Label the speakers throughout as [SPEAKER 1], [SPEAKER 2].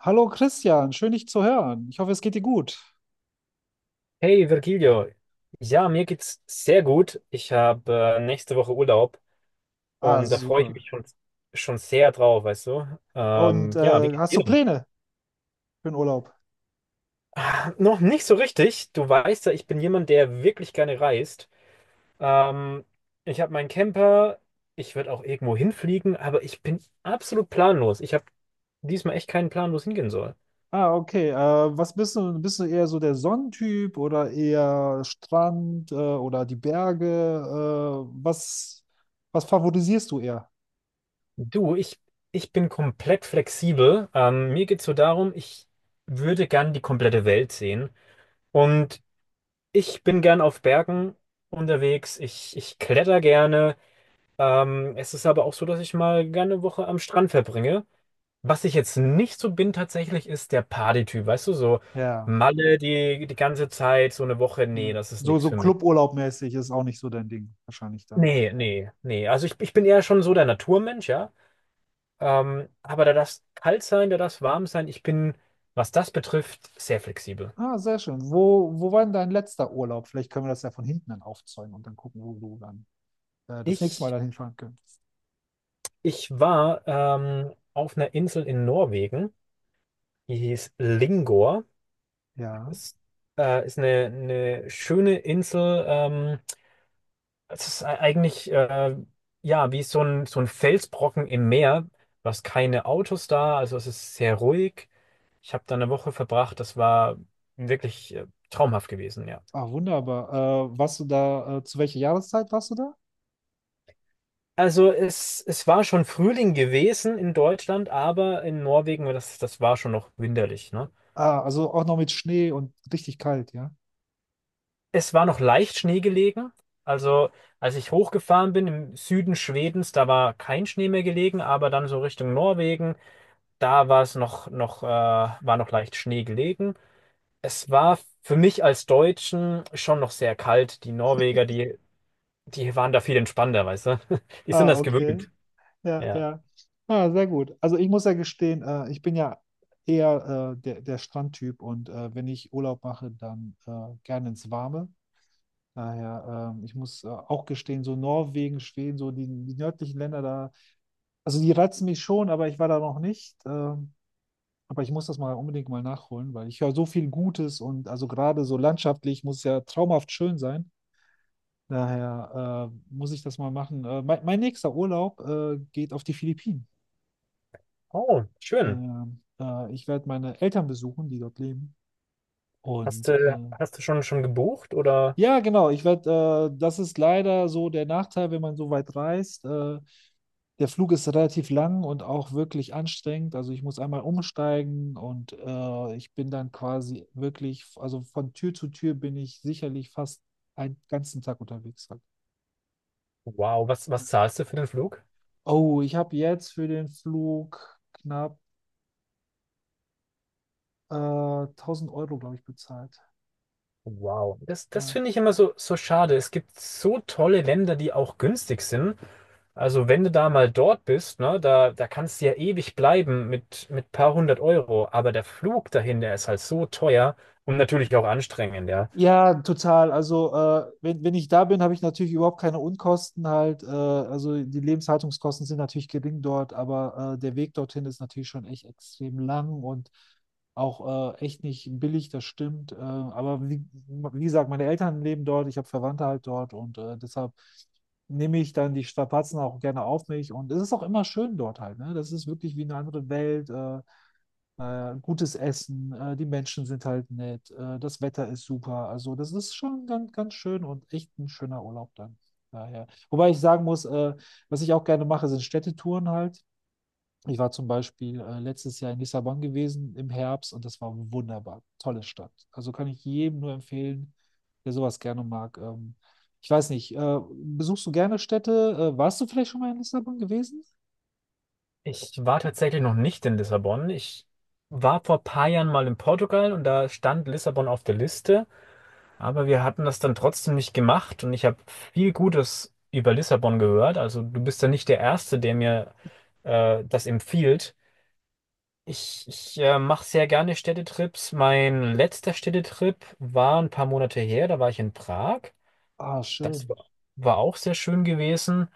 [SPEAKER 1] Hallo Christian, schön dich zu hören. Ich hoffe, es geht dir gut.
[SPEAKER 2] Hey Virgilio, ja, mir geht's sehr gut. Ich habe nächste Woche Urlaub
[SPEAKER 1] Ah,
[SPEAKER 2] und da freue ich
[SPEAKER 1] super.
[SPEAKER 2] mich schon sehr drauf, weißt du?
[SPEAKER 1] Und
[SPEAKER 2] Ja, wie geht's
[SPEAKER 1] hast
[SPEAKER 2] dir
[SPEAKER 1] du
[SPEAKER 2] denn?
[SPEAKER 1] Pläne für den Urlaub?
[SPEAKER 2] Noch nicht so richtig. Du weißt ja, ich bin jemand, der wirklich gerne reist. Ähm, ich habe meinen Camper, ich würde auch irgendwo hinfliegen, aber ich bin absolut planlos. Ich habe diesmal echt keinen Plan, wo es hingehen soll.
[SPEAKER 1] Ah, okay. Was bist du? Bist du eher so der Sonnentyp oder eher Strand oder die Berge? Äh, was, was favorisierst du eher?
[SPEAKER 2] Du, ich bin komplett flexibel. Mir geht's so darum, ich würde gern die komplette Welt sehen. Und ich bin gern auf Bergen unterwegs. Ich kletter gerne. Es ist aber auch so, dass ich mal gerne eine Woche am Strand verbringe. Was ich jetzt nicht so bin tatsächlich, ist der Party-Typ. Weißt du, so
[SPEAKER 1] Ja,
[SPEAKER 2] Malle die ganze Zeit, so eine Woche. Nee,
[SPEAKER 1] ja.
[SPEAKER 2] das ist
[SPEAKER 1] So,
[SPEAKER 2] nichts
[SPEAKER 1] so
[SPEAKER 2] für mich.
[SPEAKER 1] Cluburlaub-mäßig ist auch nicht so dein Ding, wahrscheinlich dann.
[SPEAKER 2] Nee, nee, nee. Also ich bin eher schon so der Naturmensch, ja. Aber da darf kalt sein, da darf warm sein. Ich bin, was das betrifft, sehr flexibel.
[SPEAKER 1] Ah, sehr schön. Wo war denn dein letzter Urlaub? Vielleicht können wir das ja von hinten dann aufzäumen und dann gucken, wo du dann das nächste Mal
[SPEAKER 2] Ich,
[SPEAKER 1] dann hinfahren könntest.
[SPEAKER 2] ich war auf einer Insel in Norwegen. Die hieß Lingor.
[SPEAKER 1] Ja.
[SPEAKER 2] Ist, ist eine schöne Insel. Es ist eigentlich ja wie so ein Felsbrocken im Meer. Du hast keine Autos da, also es ist sehr ruhig. Ich habe da eine Woche verbracht. Das war wirklich traumhaft gewesen, ja.
[SPEAKER 1] Ah, wunderbar. Zu welcher Jahreszeit warst du da?
[SPEAKER 2] Also es war schon Frühling gewesen in Deutschland, aber in Norwegen, das war schon noch winterlich, ne?
[SPEAKER 1] Ah, also auch noch mit Schnee und richtig kalt, ja?
[SPEAKER 2] Es war noch leicht Schnee gelegen. Also, als ich hochgefahren bin im Süden Schwedens, da war kein Schnee mehr gelegen, aber dann so Richtung Norwegen, da war es noch, noch, war noch leicht Schnee gelegen. Es war für mich als Deutschen schon noch sehr kalt. Die Norweger, die waren da viel entspannter, weißt du? Die sind
[SPEAKER 1] Ah,
[SPEAKER 2] das
[SPEAKER 1] okay.
[SPEAKER 2] gewöhnt.
[SPEAKER 1] Ja,
[SPEAKER 2] Ja.
[SPEAKER 1] ja. Ah, sehr gut. Also ich muss ja gestehen, ich bin ja eher der Strandtyp und wenn ich Urlaub mache, dann gerne ins Warme. Daher, ich muss auch gestehen, so Norwegen, Schweden, so die nördlichen Länder, da. Also die reizen mich schon, aber ich war da noch nicht. Aber ich muss das mal unbedingt mal nachholen, weil ich höre so viel Gutes und also gerade so landschaftlich muss es ja traumhaft schön sein. Daher muss ich das mal machen. Mein nächster Urlaub geht auf die Philippinen.
[SPEAKER 2] Oh, schön.
[SPEAKER 1] Ich werde meine Eltern besuchen, die dort leben.
[SPEAKER 2] Hast
[SPEAKER 1] Und
[SPEAKER 2] du, hast du schon gebucht oder?
[SPEAKER 1] ja, genau, das ist leider so der Nachteil, wenn man so weit reist. Der Flug ist relativ lang und auch wirklich anstrengend. Also ich muss einmal umsteigen und ich bin dann quasi wirklich, also von Tür zu Tür bin ich sicherlich fast einen ganzen Tag unterwegs halt.
[SPEAKER 2] Wow, was
[SPEAKER 1] Ja.
[SPEAKER 2] zahlst du für den Flug?
[SPEAKER 1] Oh, ich habe jetzt für den Flug knapp äh, 1000 Euro, glaube ich, bezahlt.
[SPEAKER 2] Wow, das
[SPEAKER 1] Ja.
[SPEAKER 2] finde ich immer so schade. Es gibt so tolle Länder, die auch günstig sind. Also wenn du da mal dort bist, ne, da kannst du ja ewig bleiben mit paar hundert Euro. Aber der Flug dahin, der ist halt so teuer und natürlich auch anstrengend, ja.
[SPEAKER 1] Ja, total. Also, wenn ich da bin, habe ich natürlich überhaupt keine Unkosten halt. Also, die Lebenshaltungskosten sind natürlich gering dort, aber der Weg dorthin ist natürlich schon echt extrem lang und auch echt nicht billig, das stimmt. Aber wie gesagt, meine Eltern leben dort, ich habe Verwandte halt dort und deshalb nehme ich dann die Strapazen auch gerne auf mich und es ist auch immer schön dort halt. Ne? Das ist wirklich wie eine andere Welt. Gutes Essen, die Menschen sind halt nett, das Wetter ist super. Also das ist schon ganz, ganz schön und echt ein schöner Urlaub dann. Daher. Wobei ich sagen muss, was ich auch gerne mache, sind Städtetouren halt. Ich war zum Beispiel letztes Jahr in Lissabon gewesen im Herbst und das war wunderbar. Tolle Stadt. Also kann ich jedem nur empfehlen, der sowas gerne mag. Ich weiß nicht, besuchst du gerne Städte? Warst du vielleicht schon mal in Lissabon gewesen?
[SPEAKER 2] Ich war tatsächlich noch nicht in Lissabon. Ich war vor ein paar Jahren mal in Portugal und da stand Lissabon auf der Liste. Aber wir hatten das dann trotzdem nicht gemacht und ich habe viel Gutes über Lissabon gehört. Also du bist ja nicht der Erste, der mir das empfiehlt. Ich mache sehr gerne Städtetrips. Mein letzter Städtetrip war ein paar Monate her, da war ich in Prag.
[SPEAKER 1] Ah,
[SPEAKER 2] Das
[SPEAKER 1] schön.
[SPEAKER 2] war, war auch sehr schön gewesen.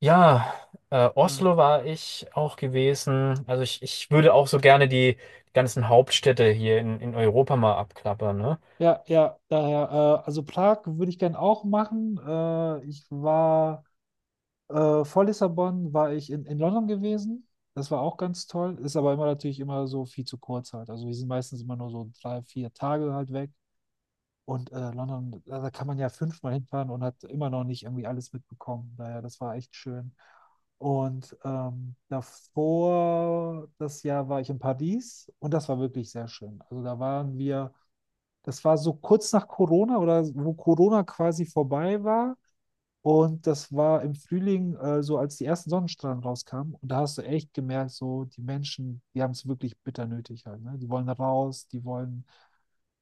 [SPEAKER 2] Ja,
[SPEAKER 1] Ah.
[SPEAKER 2] Oslo war ich auch gewesen. Also ich würde auch so gerne die ganzen Hauptstädte hier in Europa mal abklappern, ne?
[SPEAKER 1] Ja, ja, daher, also Prag würde ich gern auch machen. Ich war vor Lissabon, war ich in London gewesen. Das war auch ganz toll. Ist aber immer natürlich immer so viel zu kurz halt. Also wir sind meistens immer nur so 3, 4 Tage halt weg. Und London, da kann man ja fünfmal hinfahren und hat immer noch nicht irgendwie alles mitbekommen. Daher, das war echt schön. Und davor, das Jahr war ich in Paris und das war wirklich sehr schön. Also da waren wir das war so kurz nach Corona oder wo Corona quasi vorbei war. Und das war im Frühling, so als die ersten Sonnenstrahlen rauskamen. Und da hast du echt gemerkt, so die Menschen, die haben es wirklich bitter nötig halt. Ne? Die wollen raus, die wollen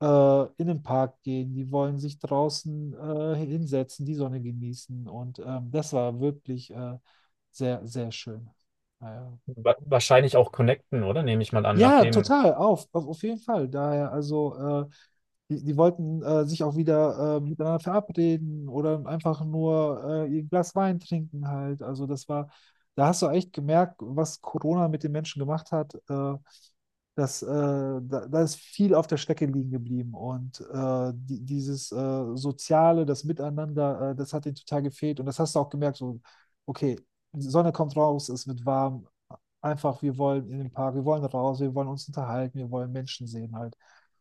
[SPEAKER 1] in den Park gehen, die wollen sich draußen hinsetzen, die Sonne genießen. Und das war wirklich sehr, sehr schön. Naja.
[SPEAKER 2] Wahrscheinlich auch connecten, oder? Nehme ich mal an.
[SPEAKER 1] Ja,
[SPEAKER 2] Nachdem
[SPEAKER 1] total, auf jeden Fall. Daher, also äh, die wollten sich auch wieder miteinander verabreden oder einfach nur ihr Glas Wein trinken halt. Da hast du echt gemerkt, was Corona mit den Menschen gemacht hat. Da ist viel auf der Strecke liegen geblieben. Und dieses Soziale, das Miteinander, das hat ihnen total gefehlt. Und das hast du auch gemerkt, so, okay, die Sonne kommt raus, es wird warm. Einfach, wir wollen in den Park, wir wollen raus, wir wollen uns unterhalten, wir wollen Menschen sehen halt.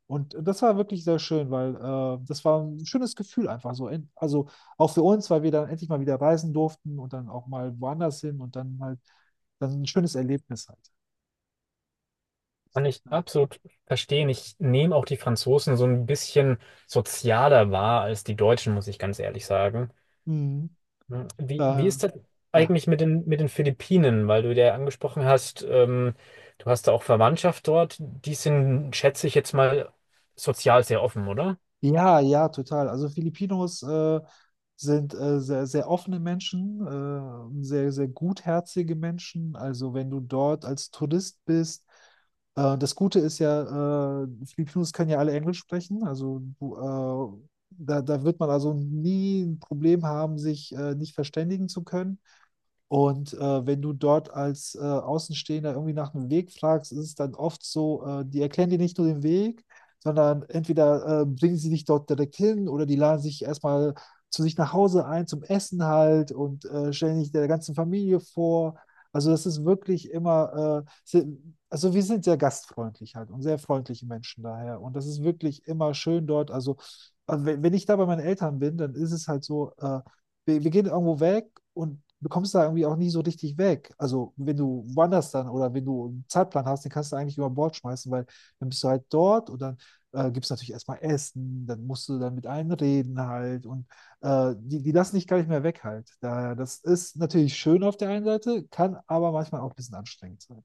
[SPEAKER 1] Und das war wirklich sehr schön, weil das war ein schönes Gefühl einfach so. Also auch für uns, weil wir dann endlich mal wieder reisen durften und dann auch mal woanders hin und dann halt dann ein schönes Erlebnis halt.
[SPEAKER 2] kann ich
[SPEAKER 1] Ja.
[SPEAKER 2] absolut verstehen. Ich nehme auch die Franzosen so ein bisschen sozialer wahr als die Deutschen, muss ich ganz ehrlich sagen.
[SPEAKER 1] Mhm.
[SPEAKER 2] Hm. Wie
[SPEAKER 1] Äh,
[SPEAKER 2] ist das
[SPEAKER 1] ja,
[SPEAKER 2] eigentlich mit den Philippinen? Weil du ja angesprochen hast, du hast da auch Verwandtschaft dort. Die sind, schätze ich jetzt mal, sozial sehr offen, oder?
[SPEAKER 1] ja, ja, total. Also Filipinos sind sehr, sehr offene Menschen, sehr, sehr gutherzige Menschen. Also wenn du dort als Tourist bist, das Gute ist ja, Filipinos können ja alle Englisch sprechen. Da wird man also nie ein Problem haben, sich nicht verständigen zu können. Und wenn du dort als Außenstehender irgendwie nach einem Weg fragst, ist es dann oft so, die erklären dir nicht nur den Weg, sondern entweder bringen sie dich dort direkt hin oder die laden sich erstmal zu sich nach Hause ein zum Essen halt und stellen dich der ganzen Familie vor. Also das ist wirklich immer, also wir sind sehr gastfreundlich halt und sehr freundliche Menschen daher. Und das ist wirklich immer schön dort. Also, wenn ich da bei meinen Eltern bin, dann ist es halt so, wir gehen irgendwo weg und du kommst da irgendwie auch nie so richtig weg. Also wenn du wanderst dann oder wenn du einen Zeitplan hast, den kannst du eigentlich über Bord schmeißen, weil dann bist du halt dort und dann gibt es natürlich erstmal Essen, dann musst du dann mit allen reden halt und die lassen dich gar nicht mehr weg halt. Daher, das ist natürlich schön auf der einen Seite, kann aber manchmal auch ein bisschen anstrengend sein.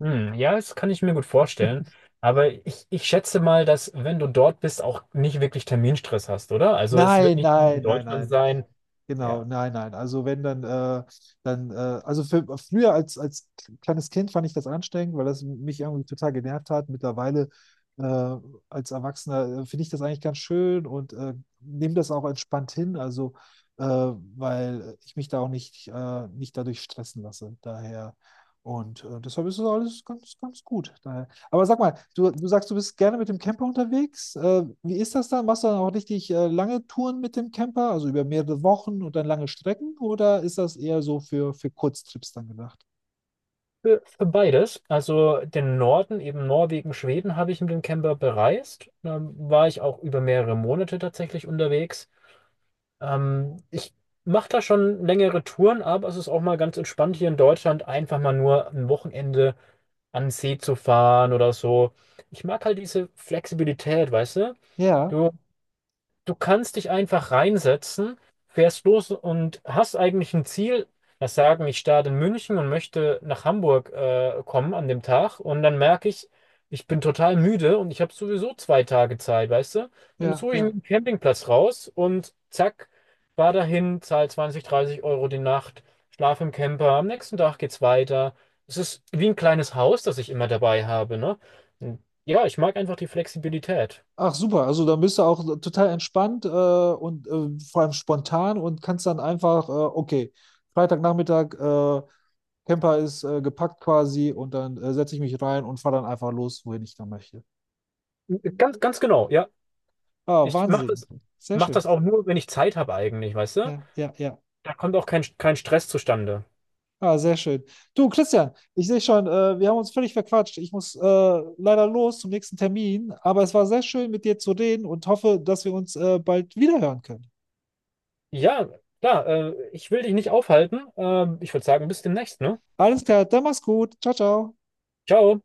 [SPEAKER 2] Hm, ja, das kann ich mir gut vorstellen. Aber ich schätze mal, dass, wenn du dort bist, auch nicht wirklich Terminstress hast, oder? Also es wird
[SPEAKER 1] Nein,
[SPEAKER 2] nicht wie in
[SPEAKER 1] nein, nein,
[SPEAKER 2] Deutschland
[SPEAKER 1] nein.
[SPEAKER 2] sein.
[SPEAKER 1] Genau,
[SPEAKER 2] Ja,
[SPEAKER 1] nein, nein. Also wenn dann, dann, also für, Früher als kleines Kind fand ich das anstrengend, weil das mich irgendwie total genervt hat. Mittlerweile äh, als Erwachsener finde ich das eigentlich ganz schön und nehme das auch entspannt hin, also weil ich mich da auch nicht, nicht dadurch stressen lasse. Daher und deshalb ist das alles ganz, ganz gut. Daher. Aber sag mal, du sagst, du bist gerne mit dem Camper unterwegs. Wie ist das dann? Machst du dann auch richtig lange Touren mit dem Camper, also über mehrere Wochen und dann lange Strecken? Oder ist das eher so für Kurztrips dann gedacht?
[SPEAKER 2] für beides. Also den Norden, eben Norwegen, Schweden, habe ich mit dem Camper bereist. Da war ich auch über mehrere Monate tatsächlich unterwegs. Ich mache da schon längere Touren, aber es ist auch mal ganz entspannt hier in Deutschland, einfach mal nur ein Wochenende an den See zu fahren oder so. Ich mag halt diese Flexibilität, weißt du?
[SPEAKER 1] Ja,
[SPEAKER 2] Du, du kannst dich einfach reinsetzen, fährst los und hast eigentlich ein Ziel. Das sagen, ich starte in München und möchte nach Hamburg kommen an dem Tag. Und dann merke ich, ich bin total müde und ich habe sowieso 2 Tage Zeit, weißt du? Dann
[SPEAKER 1] ja,
[SPEAKER 2] suche ich mir
[SPEAKER 1] ja.
[SPEAKER 2] einen Campingplatz raus und zack, fahr dahin, zahl 20, 30 Euro die Nacht, schlaf im Camper. Am nächsten Tag geht's weiter. Es ist wie ein kleines Haus, das ich immer dabei habe, ne? Und ja, ich mag einfach die Flexibilität.
[SPEAKER 1] Ach super, also da bist du auch total entspannt und vor allem spontan und kannst dann einfach, okay, Freitagnachmittag, Camper ist gepackt quasi und dann setze ich mich rein und fahre dann einfach los, wohin ich da möchte.
[SPEAKER 2] Ganz, ganz genau, ja.
[SPEAKER 1] Ah,
[SPEAKER 2] Ich mache
[SPEAKER 1] Wahnsinn.
[SPEAKER 2] das,
[SPEAKER 1] Sehr
[SPEAKER 2] mach
[SPEAKER 1] schön.
[SPEAKER 2] das auch nur, wenn ich Zeit habe eigentlich, weißt du?
[SPEAKER 1] Ja, ja, ja.
[SPEAKER 2] Da kommt auch kein Stress zustande.
[SPEAKER 1] Ah, sehr schön. Du, Christian, ich sehe schon, wir haben uns völlig verquatscht. Ich muss leider los zum nächsten Termin, aber es war sehr schön, mit dir zu reden und hoffe, dass wir uns bald wiederhören können.
[SPEAKER 2] Ja, klar, ich will dich nicht aufhalten. Ich würde sagen, bis demnächst, ne?
[SPEAKER 1] Alles klar, dann mach's gut. Ciao, ciao.
[SPEAKER 2] Ciao.